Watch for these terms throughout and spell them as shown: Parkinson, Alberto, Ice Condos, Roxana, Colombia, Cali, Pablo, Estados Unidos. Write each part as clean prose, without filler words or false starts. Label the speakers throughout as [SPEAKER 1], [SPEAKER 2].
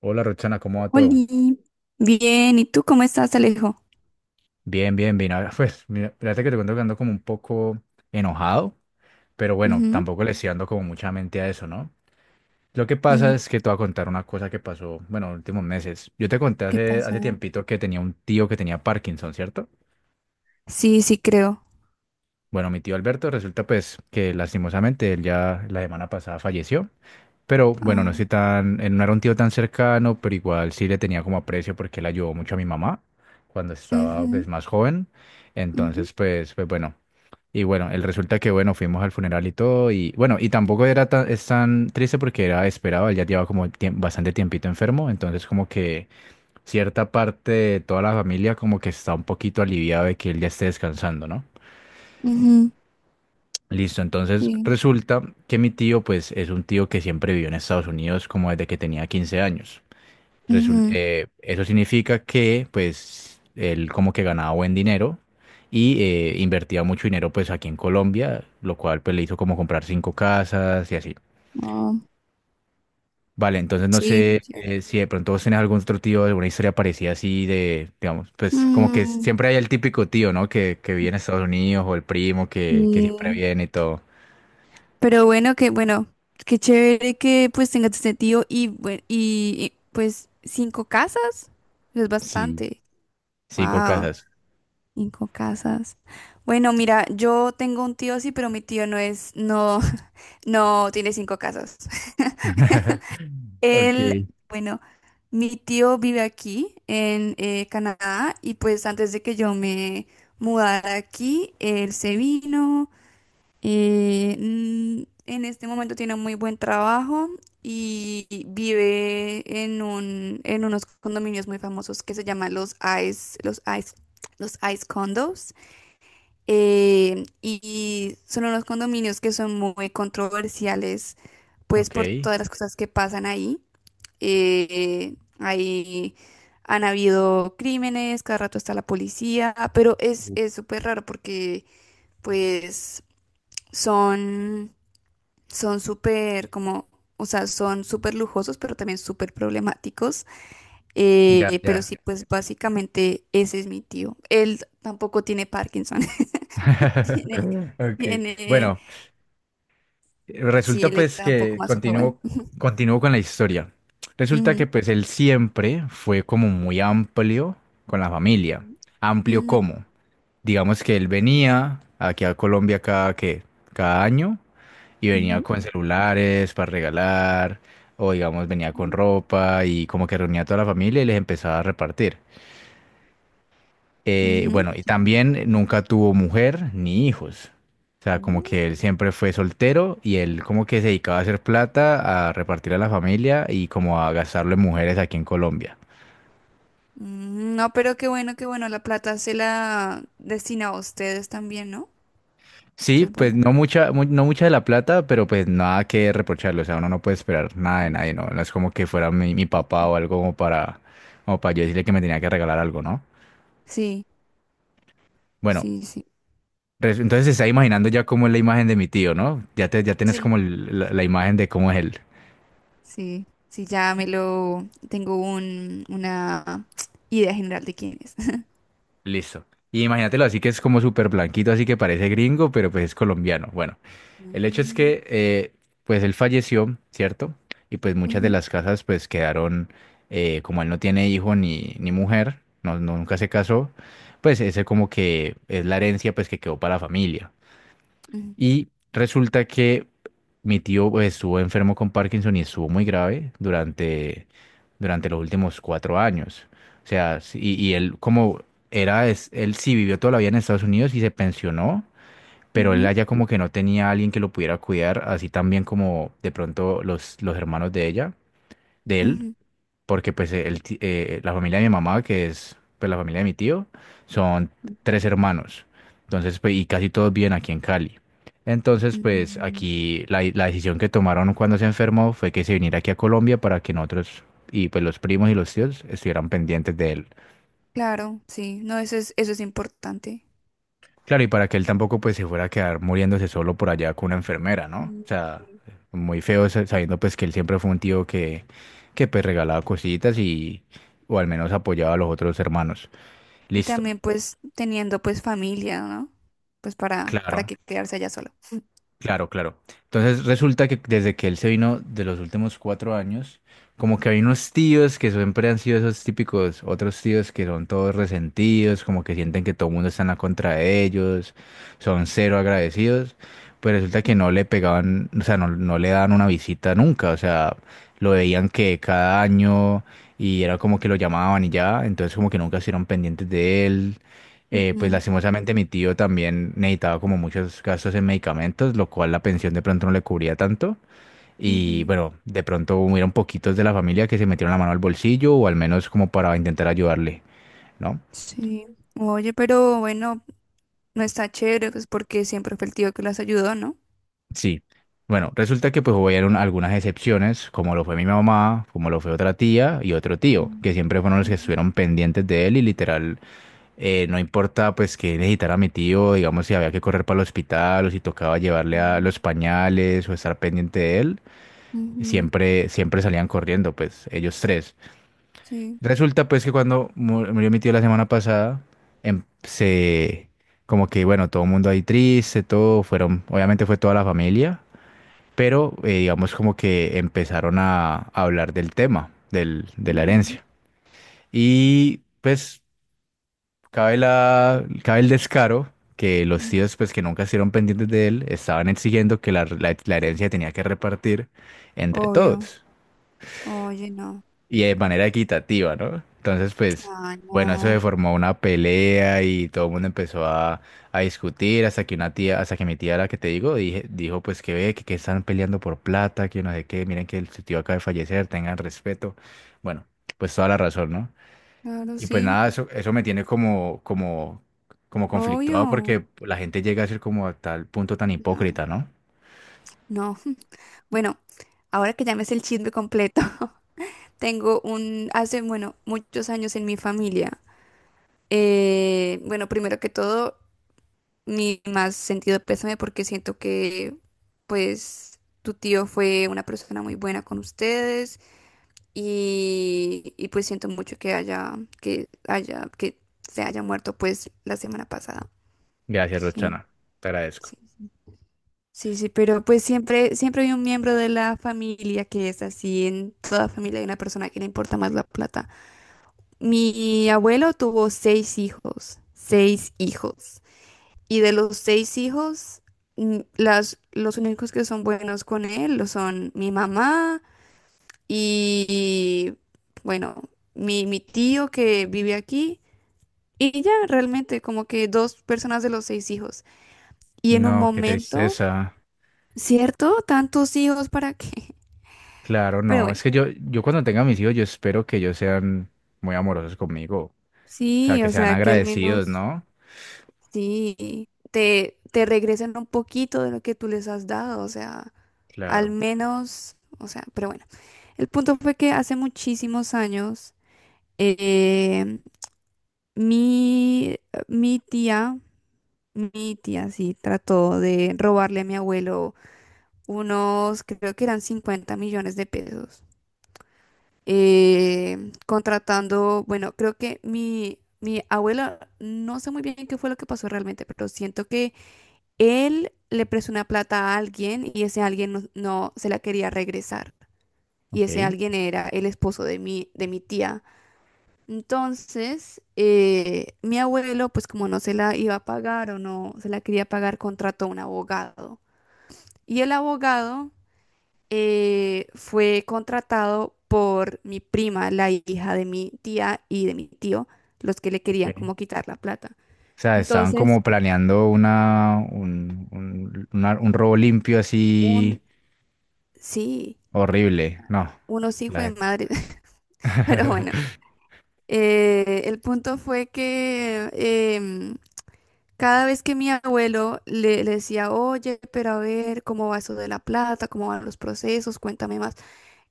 [SPEAKER 1] Hola Roxana, ¿cómo va todo?
[SPEAKER 2] Oli, bien, ¿y tú cómo estás, Alejo?
[SPEAKER 1] Bien, bien, bien. Pues, mira, fíjate que te cuento que ando como un poco enojado, pero bueno,
[SPEAKER 2] Ujú,
[SPEAKER 1] tampoco le estoy dando como mucha mente a eso, ¿no? Lo que pasa
[SPEAKER 2] ujú,
[SPEAKER 1] es que te voy a contar una cosa que pasó, bueno, en los últimos meses. Yo te conté
[SPEAKER 2] ¿qué
[SPEAKER 1] hace
[SPEAKER 2] pasó?
[SPEAKER 1] tiempito que tenía un tío que tenía Parkinson, ¿cierto?
[SPEAKER 2] Sí, sí, creo.
[SPEAKER 1] Bueno, mi tío Alberto resulta pues que lastimosamente él ya la semana pasada falleció. Pero bueno, no
[SPEAKER 2] Ah,
[SPEAKER 1] estoy tan, no era un tío tan cercano, pero igual sí le tenía como aprecio porque él ayudó mucho a mi mamá cuando estaba pues
[SPEAKER 2] ujú,
[SPEAKER 1] más joven.
[SPEAKER 2] ujú,
[SPEAKER 1] Entonces, pues, pues bueno. Y bueno, el resulta que bueno, fuimos al funeral y todo. Y bueno, y tampoco era tan, es tan triste porque era esperado, él ya llevaba como bastante tiempito enfermo. Entonces, como que cierta parte de toda la familia como que está un poquito aliviada de que él ya esté descansando, ¿no?
[SPEAKER 2] ujú,
[SPEAKER 1] Listo, entonces
[SPEAKER 2] sí,
[SPEAKER 1] resulta que mi tío, pues, es un tío que siempre vivió en Estados Unidos como desde que tenía 15 años.
[SPEAKER 2] ujú,
[SPEAKER 1] Eso significa que, pues, él como que ganaba buen dinero y invertía mucho dinero, pues, aquí en Colombia, lo cual, pues, le hizo como comprar cinco casas y así.
[SPEAKER 2] ah,
[SPEAKER 1] Vale, entonces no
[SPEAKER 2] sí,
[SPEAKER 1] sé
[SPEAKER 2] chévere.
[SPEAKER 1] si de pronto vos tenés algún otro tío, alguna historia parecida así de, digamos, pues, como que
[SPEAKER 2] Mm,
[SPEAKER 1] siempre hay el típico tío, ¿no? Que vive en Estados Unidos o el primo que siempre
[SPEAKER 2] sí.
[SPEAKER 1] viene y todo.
[SPEAKER 2] Pero bueno, que bueno, qué chévere que pues tengas este tío y, pues cinco casas, es
[SPEAKER 1] Sí,
[SPEAKER 2] bastante.
[SPEAKER 1] cinco
[SPEAKER 2] Wow,
[SPEAKER 1] casas.
[SPEAKER 2] cinco casas. Bueno, mira, yo tengo un tío sí, pero mi tío no es, no. No, tiene cinco casos. Él,
[SPEAKER 1] Ok,
[SPEAKER 2] bueno, mi tío vive aquí en Canadá y pues antes de que yo me mudara aquí, él se vino. En este momento tiene un muy buen trabajo y vive en unos condominios muy famosos que se llaman Ice, los Ice, los Ice Condos. Y son unos condominios que son muy controversiales pues
[SPEAKER 1] ok.
[SPEAKER 2] por todas las cosas que pasan ahí. Ahí han habido crímenes, cada rato está la policía, pero es
[SPEAKER 1] Uf.
[SPEAKER 2] es súper raro porque pues son son súper como, o sea, son súper lujosos, pero también súper problemáticos.
[SPEAKER 1] Ya,
[SPEAKER 2] Pero
[SPEAKER 1] ya.
[SPEAKER 2] sí, pues básicamente ese es mi tío. Él tampoco tiene Parkinson. tiene,
[SPEAKER 1] Ok,
[SPEAKER 2] tiene,
[SPEAKER 1] bueno,
[SPEAKER 2] sí,
[SPEAKER 1] resulta
[SPEAKER 2] él
[SPEAKER 1] pues
[SPEAKER 2] está un poco
[SPEAKER 1] que
[SPEAKER 2] más joven.
[SPEAKER 1] continúo, continúo con la historia. Resulta
[SPEAKER 2] Ujú,
[SPEAKER 1] que pues él siempre fue como muy amplio con la familia. ¿Amplio
[SPEAKER 2] ujú,
[SPEAKER 1] como? Digamos que él venía aquí a Colombia cada, ¿qué? Cada año y venía
[SPEAKER 2] ujú,
[SPEAKER 1] con celulares para regalar o digamos venía con ropa y como que reunía a toda la familia y les empezaba a repartir.
[SPEAKER 2] ujú,
[SPEAKER 1] Bueno,
[SPEAKER 2] qué
[SPEAKER 1] y
[SPEAKER 2] chévere.
[SPEAKER 1] también nunca tuvo mujer ni hijos. O sea, como que él
[SPEAKER 2] Mm.
[SPEAKER 1] siempre fue soltero y él como que se dedicaba a hacer plata, a repartir a la familia y como a gastarlo en mujeres aquí en Colombia.
[SPEAKER 2] Mm, no, pero qué bueno, qué bueno. La plata se la destina a ustedes también, ¿no?
[SPEAKER 1] Sí,
[SPEAKER 2] Eso es
[SPEAKER 1] pues
[SPEAKER 2] bueno.
[SPEAKER 1] no mucha, no mucha de la plata, pero pues nada que reprocharle. O sea, uno no puede esperar nada de
[SPEAKER 2] Mm.
[SPEAKER 1] nadie, ¿no? No es como que fuera mi papá o algo como para, como para yo decirle que me tenía que regalar algo, ¿no?
[SPEAKER 2] Sí,
[SPEAKER 1] Bueno,
[SPEAKER 2] sí, sí.
[SPEAKER 1] entonces se está imaginando ya cómo es la imagen de mi tío, ¿no? Ya tienes como
[SPEAKER 2] Sí,
[SPEAKER 1] la imagen de cómo es él.
[SPEAKER 2] sí. Sí, ya me lo. Tengo una idea general de quién es.
[SPEAKER 1] Listo. Y imagínatelo así que es como súper blanquito, así que parece gringo, pero pues es colombiano. Bueno, el hecho es
[SPEAKER 2] Mm,
[SPEAKER 1] que pues él falleció, ¿cierto? Y pues muchas de
[SPEAKER 2] ujú,
[SPEAKER 1] las casas pues quedaron, como él no tiene hijo ni, ni mujer, no, nunca se casó, pues ese como que es la herencia pues que quedó para la familia. Y resulta que mi tío pues, estuvo enfermo con Parkinson y estuvo muy grave durante, durante los últimos 4 años. O sea, sí- y él como era, es- él sí vivió toda la vida en Estados Unidos y se pensionó, pero él
[SPEAKER 2] ujú,
[SPEAKER 1] allá como que no tenía a alguien que lo pudiera cuidar, así también como de pronto los hermanos de ella, de él
[SPEAKER 2] ujú.
[SPEAKER 1] porque pues la familia de mi mamá, que es pues la familia de mi tío, son
[SPEAKER 2] Ujú,
[SPEAKER 1] tres hermanos. Entonces, pues, y casi todos viven aquí en Cali. Entonces, pues
[SPEAKER 2] mm,
[SPEAKER 1] aquí la decisión que tomaron cuando se enfermó fue que se viniera aquí a Colombia para que nosotros y pues los primos y los tíos estuvieran pendientes de él.
[SPEAKER 2] claro, sí. No, eso es importante.
[SPEAKER 1] Claro, y para que él tampoco pues se fuera a quedar muriéndose solo por allá con una enfermera, ¿no?
[SPEAKER 2] Mm,
[SPEAKER 1] O sea,
[SPEAKER 2] sí.
[SPEAKER 1] muy feo sabiendo pues que él siempre fue un tío que pues regalaba cositas y o al menos apoyaba a los otros hermanos.
[SPEAKER 2] Y
[SPEAKER 1] Listo,
[SPEAKER 2] también, pues, teniendo, pues, familia, ¿no? Pues para
[SPEAKER 1] claro,
[SPEAKER 2] que quedarse allá solo.
[SPEAKER 1] claro, claro. Entonces resulta que desde que él se vino de los últimos 4 años, como que hay unos tíos que siempre han sido esos típicos, otros tíos que son todos resentidos, como que sienten que todo el mundo está en la contra de ellos, son cero agradecidos, pues resulta que no le pegaban, o sea, no, no le daban una visita nunca, o sea, lo veían que cada año y era como que lo llamaban y ya, entonces como que nunca estuvieron pendientes de él, pues
[SPEAKER 2] Ujú,
[SPEAKER 1] lastimosamente mi tío también necesitaba como muchos gastos en medicamentos, lo cual la pensión de pronto no le cubría tanto. Y
[SPEAKER 2] ujú.
[SPEAKER 1] bueno, de pronto hubieron poquitos de la familia que se metieron la mano al bolsillo o al menos como para intentar ayudarle, ¿no?
[SPEAKER 2] Sí. Oye, pero bueno, no está chévere, pues porque siempre fue el tío que las ayudó, ¿no?
[SPEAKER 1] Sí. Bueno, resulta que pues hubieron algunas excepciones, como lo fue mi mamá, como lo fue otra tía y otro tío,
[SPEAKER 2] Mm,
[SPEAKER 1] que siempre fueron los que
[SPEAKER 2] ujú,
[SPEAKER 1] estuvieron pendientes de él y literal, no importa pues que necesitara mi tío, digamos si había que correr para el hospital o si tocaba llevarle a
[SPEAKER 2] ujú,
[SPEAKER 1] los pañales o estar pendiente de él,
[SPEAKER 2] ujú,
[SPEAKER 1] siempre, siempre salían corriendo, pues ellos tres.
[SPEAKER 2] sí,
[SPEAKER 1] Resulta pues que cuando murió mi tío la semana pasada, se como que bueno, todo el mundo ahí triste, todo fueron, obviamente fue toda la familia, pero digamos como que empezaron a hablar del tema, del, de la
[SPEAKER 2] ujú,
[SPEAKER 1] herencia. Y pues cabe la, cabe el descaro que los
[SPEAKER 2] ujú.
[SPEAKER 1] tíos pues que nunca estuvieron pendientes de él estaban exigiendo que la herencia tenía que repartir entre
[SPEAKER 2] Obvio.
[SPEAKER 1] todos,
[SPEAKER 2] Oye, no.
[SPEAKER 1] y de manera equitativa, ¿no? Entonces, pues,
[SPEAKER 2] Ay,
[SPEAKER 1] bueno, eso se
[SPEAKER 2] no.
[SPEAKER 1] formó una pelea y todo el mundo empezó a discutir hasta que una tía, hasta que mi tía, la que te digo, dijo, pues, que ve, que están peleando por plata, que no sé qué, miren que el su tío acaba de fallecer, tengan respeto. Bueno, pues toda la razón, ¿no?
[SPEAKER 2] Claro,
[SPEAKER 1] Y pues
[SPEAKER 2] sí.
[SPEAKER 1] nada, eso me tiene como, como, como conflictuado
[SPEAKER 2] Obvio.
[SPEAKER 1] porque la gente llega a ser como a tal punto tan
[SPEAKER 2] No,
[SPEAKER 1] hipócrita, ¿no?
[SPEAKER 2] no. Bueno, ahora que ya me sé el chisme completo, hace, bueno, muchos años en mi familia. Bueno, primero que todo. Mi más sentido pésame porque siento que pues tu tío fue una persona muy buena con ustedes y, pues siento mucho que se haya muerto pues la semana pasada.
[SPEAKER 1] Gracias,
[SPEAKER 2] Sí,
[SPEAKER 1] Rochana. Te agradezco.
[SPEAKER 2] sí, sí, sí, sí, pero pues siempre, siempre hay un miembro de la familia que es así, en toda familia hay una persona que le importa más la plata. Mi abuelo tuvo seis hijos, seis hijos. Y de los seis hijos, los únicos que son buenos con él lo son mi mamá y, bueno, mi tío que vive aquí. Y ya, realmente, como que dos personas de los seis hijos. Y en un
[SPEAKER 1] No, qué
[SPEAKER 2] momento,
[SPEAKER 1] tristeza.
[SPEAKER 2] ¿cierto? Tantos hijos, ¿para qué?
[SPEAKER 1] Claro,
[SPEAKER 2] Pero
[SPEAKER 1] no, es
[SPEAKER 2] bueno,
[SPEAKER 1] que yo cuando tenga mis hijos, yo espero que ellos sean muy amorosos conmigo, o sea,
[SPEAKER 2] sí,
[SPEAKER 1] que
[SPEAKER 2] o
[SPEAKER 1] sean
[SPEAKER 2] sea, que al
[SPEAKER 1] agradecidos,
[SPEAKER 2] menos
[SPEAKER 1] ¿no?
[SPEAKER 2] sí, te regresen un poquito de lo que tú les has dado, o sea, al
[SPEAKER 1] Claro,
[SPEAKER 2] menos, o sea, pero bueno. El punto fue que hace muchísimos años, eh, mi, mi tía, mi tía sí, trató de robarle a mi abuelo unos, creo que eran 50 millones de pesos, contratando, bueno, creo que mi abuelo, no sé muy bien qué fue lo que pasó realmente, pero siento que él le prestó una plata a alguien y ese alguien no se la quería regresar. Y ese
[SPEAKER 1] ok.
[SPEAKER 2] alguien era el esposo de mi tía. Entonces, mi abuelo, pues como no se la iba a pagar o no se la quería pagar, contrató a un abogado. Y el abogado fue contratado por mi prima, la hija de mi tía y de mi tío, los que le querían
[SPEAKER 1] Ok.
[SPEAKER 2] como quitar la plata.
[SPEAKER 1] O sea, estaban
[SPEAKER 2] Entonces,
[SPEAKER 1] como planeando una, un, una- un robo limpio así
[SPEAKER 2] un, sí,
[SPEAKER 1] horrible, no,
[SPEAKER 2] unos
[SPEAKER 1] la
[SPEAKER 2] hijos de
[SPEAKER 1] gente.
[SPEAKER 2] madre. Pero bueno, el punto fue que cada vez que mi abuelo le decía, oye, pero a ver, ¿cómo va eso de la plata? ¿Cómo van los procesos? Cuéntame más.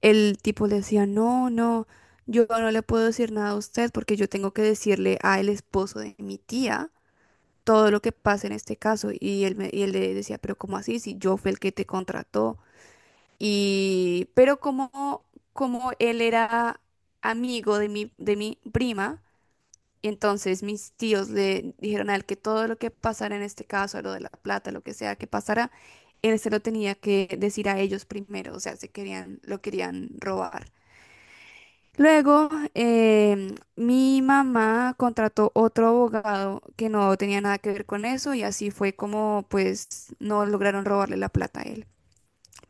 [SPEAKER 2] El tipo le decía, no, no, yo no le puedo decir nada a usted porque yo tengo que decirle a el esposo de mi tía todo lo que pasa en este caso. Y él le decía, pero ¿cómo así? Si yo fui el que te contrató. Y, pero como él era amigo de mi prima, entonces mis tíos le dijeron a él que todo lo que pasara en este caso, lo de la plata, lo que sea que pasara, él se lo tenía que decir a ellos primero, o sea, lo querían robar. Luego, mi mamá contrató otro abogado que no tenía nada que ver con eso y así fue como pues no lograron robarle la plata a él,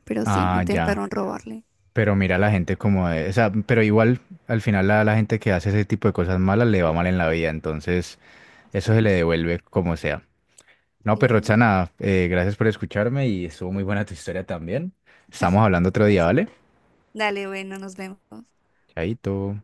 [SPEAKER 2] pero sí,
[SPEAKER 1] Ah, ya,
[SPEAKER 2] intentaron robarle.
[SPEAKER 1] pero mira la gente como de, o sea, pero igual al final la gente que hace ese tipo de cosas malas le va mal en la vida, entonces
[SPEAKER 2] Sí,
[SPEAKER 1] eso se le devuelve como sea. No, pues
[SPEAKER 2] es-
[SPEAKER 1] Roxana, gracias por escucharme y estuvo muy buena tu historia también. Estamos hablando otro día,
[SPEAKER 2] así es.
[SPEAKER 1] ¿vale?
[SPEAKER 2] Dale, bueno, nos vemos.
[SPEAKER 1] Chaito.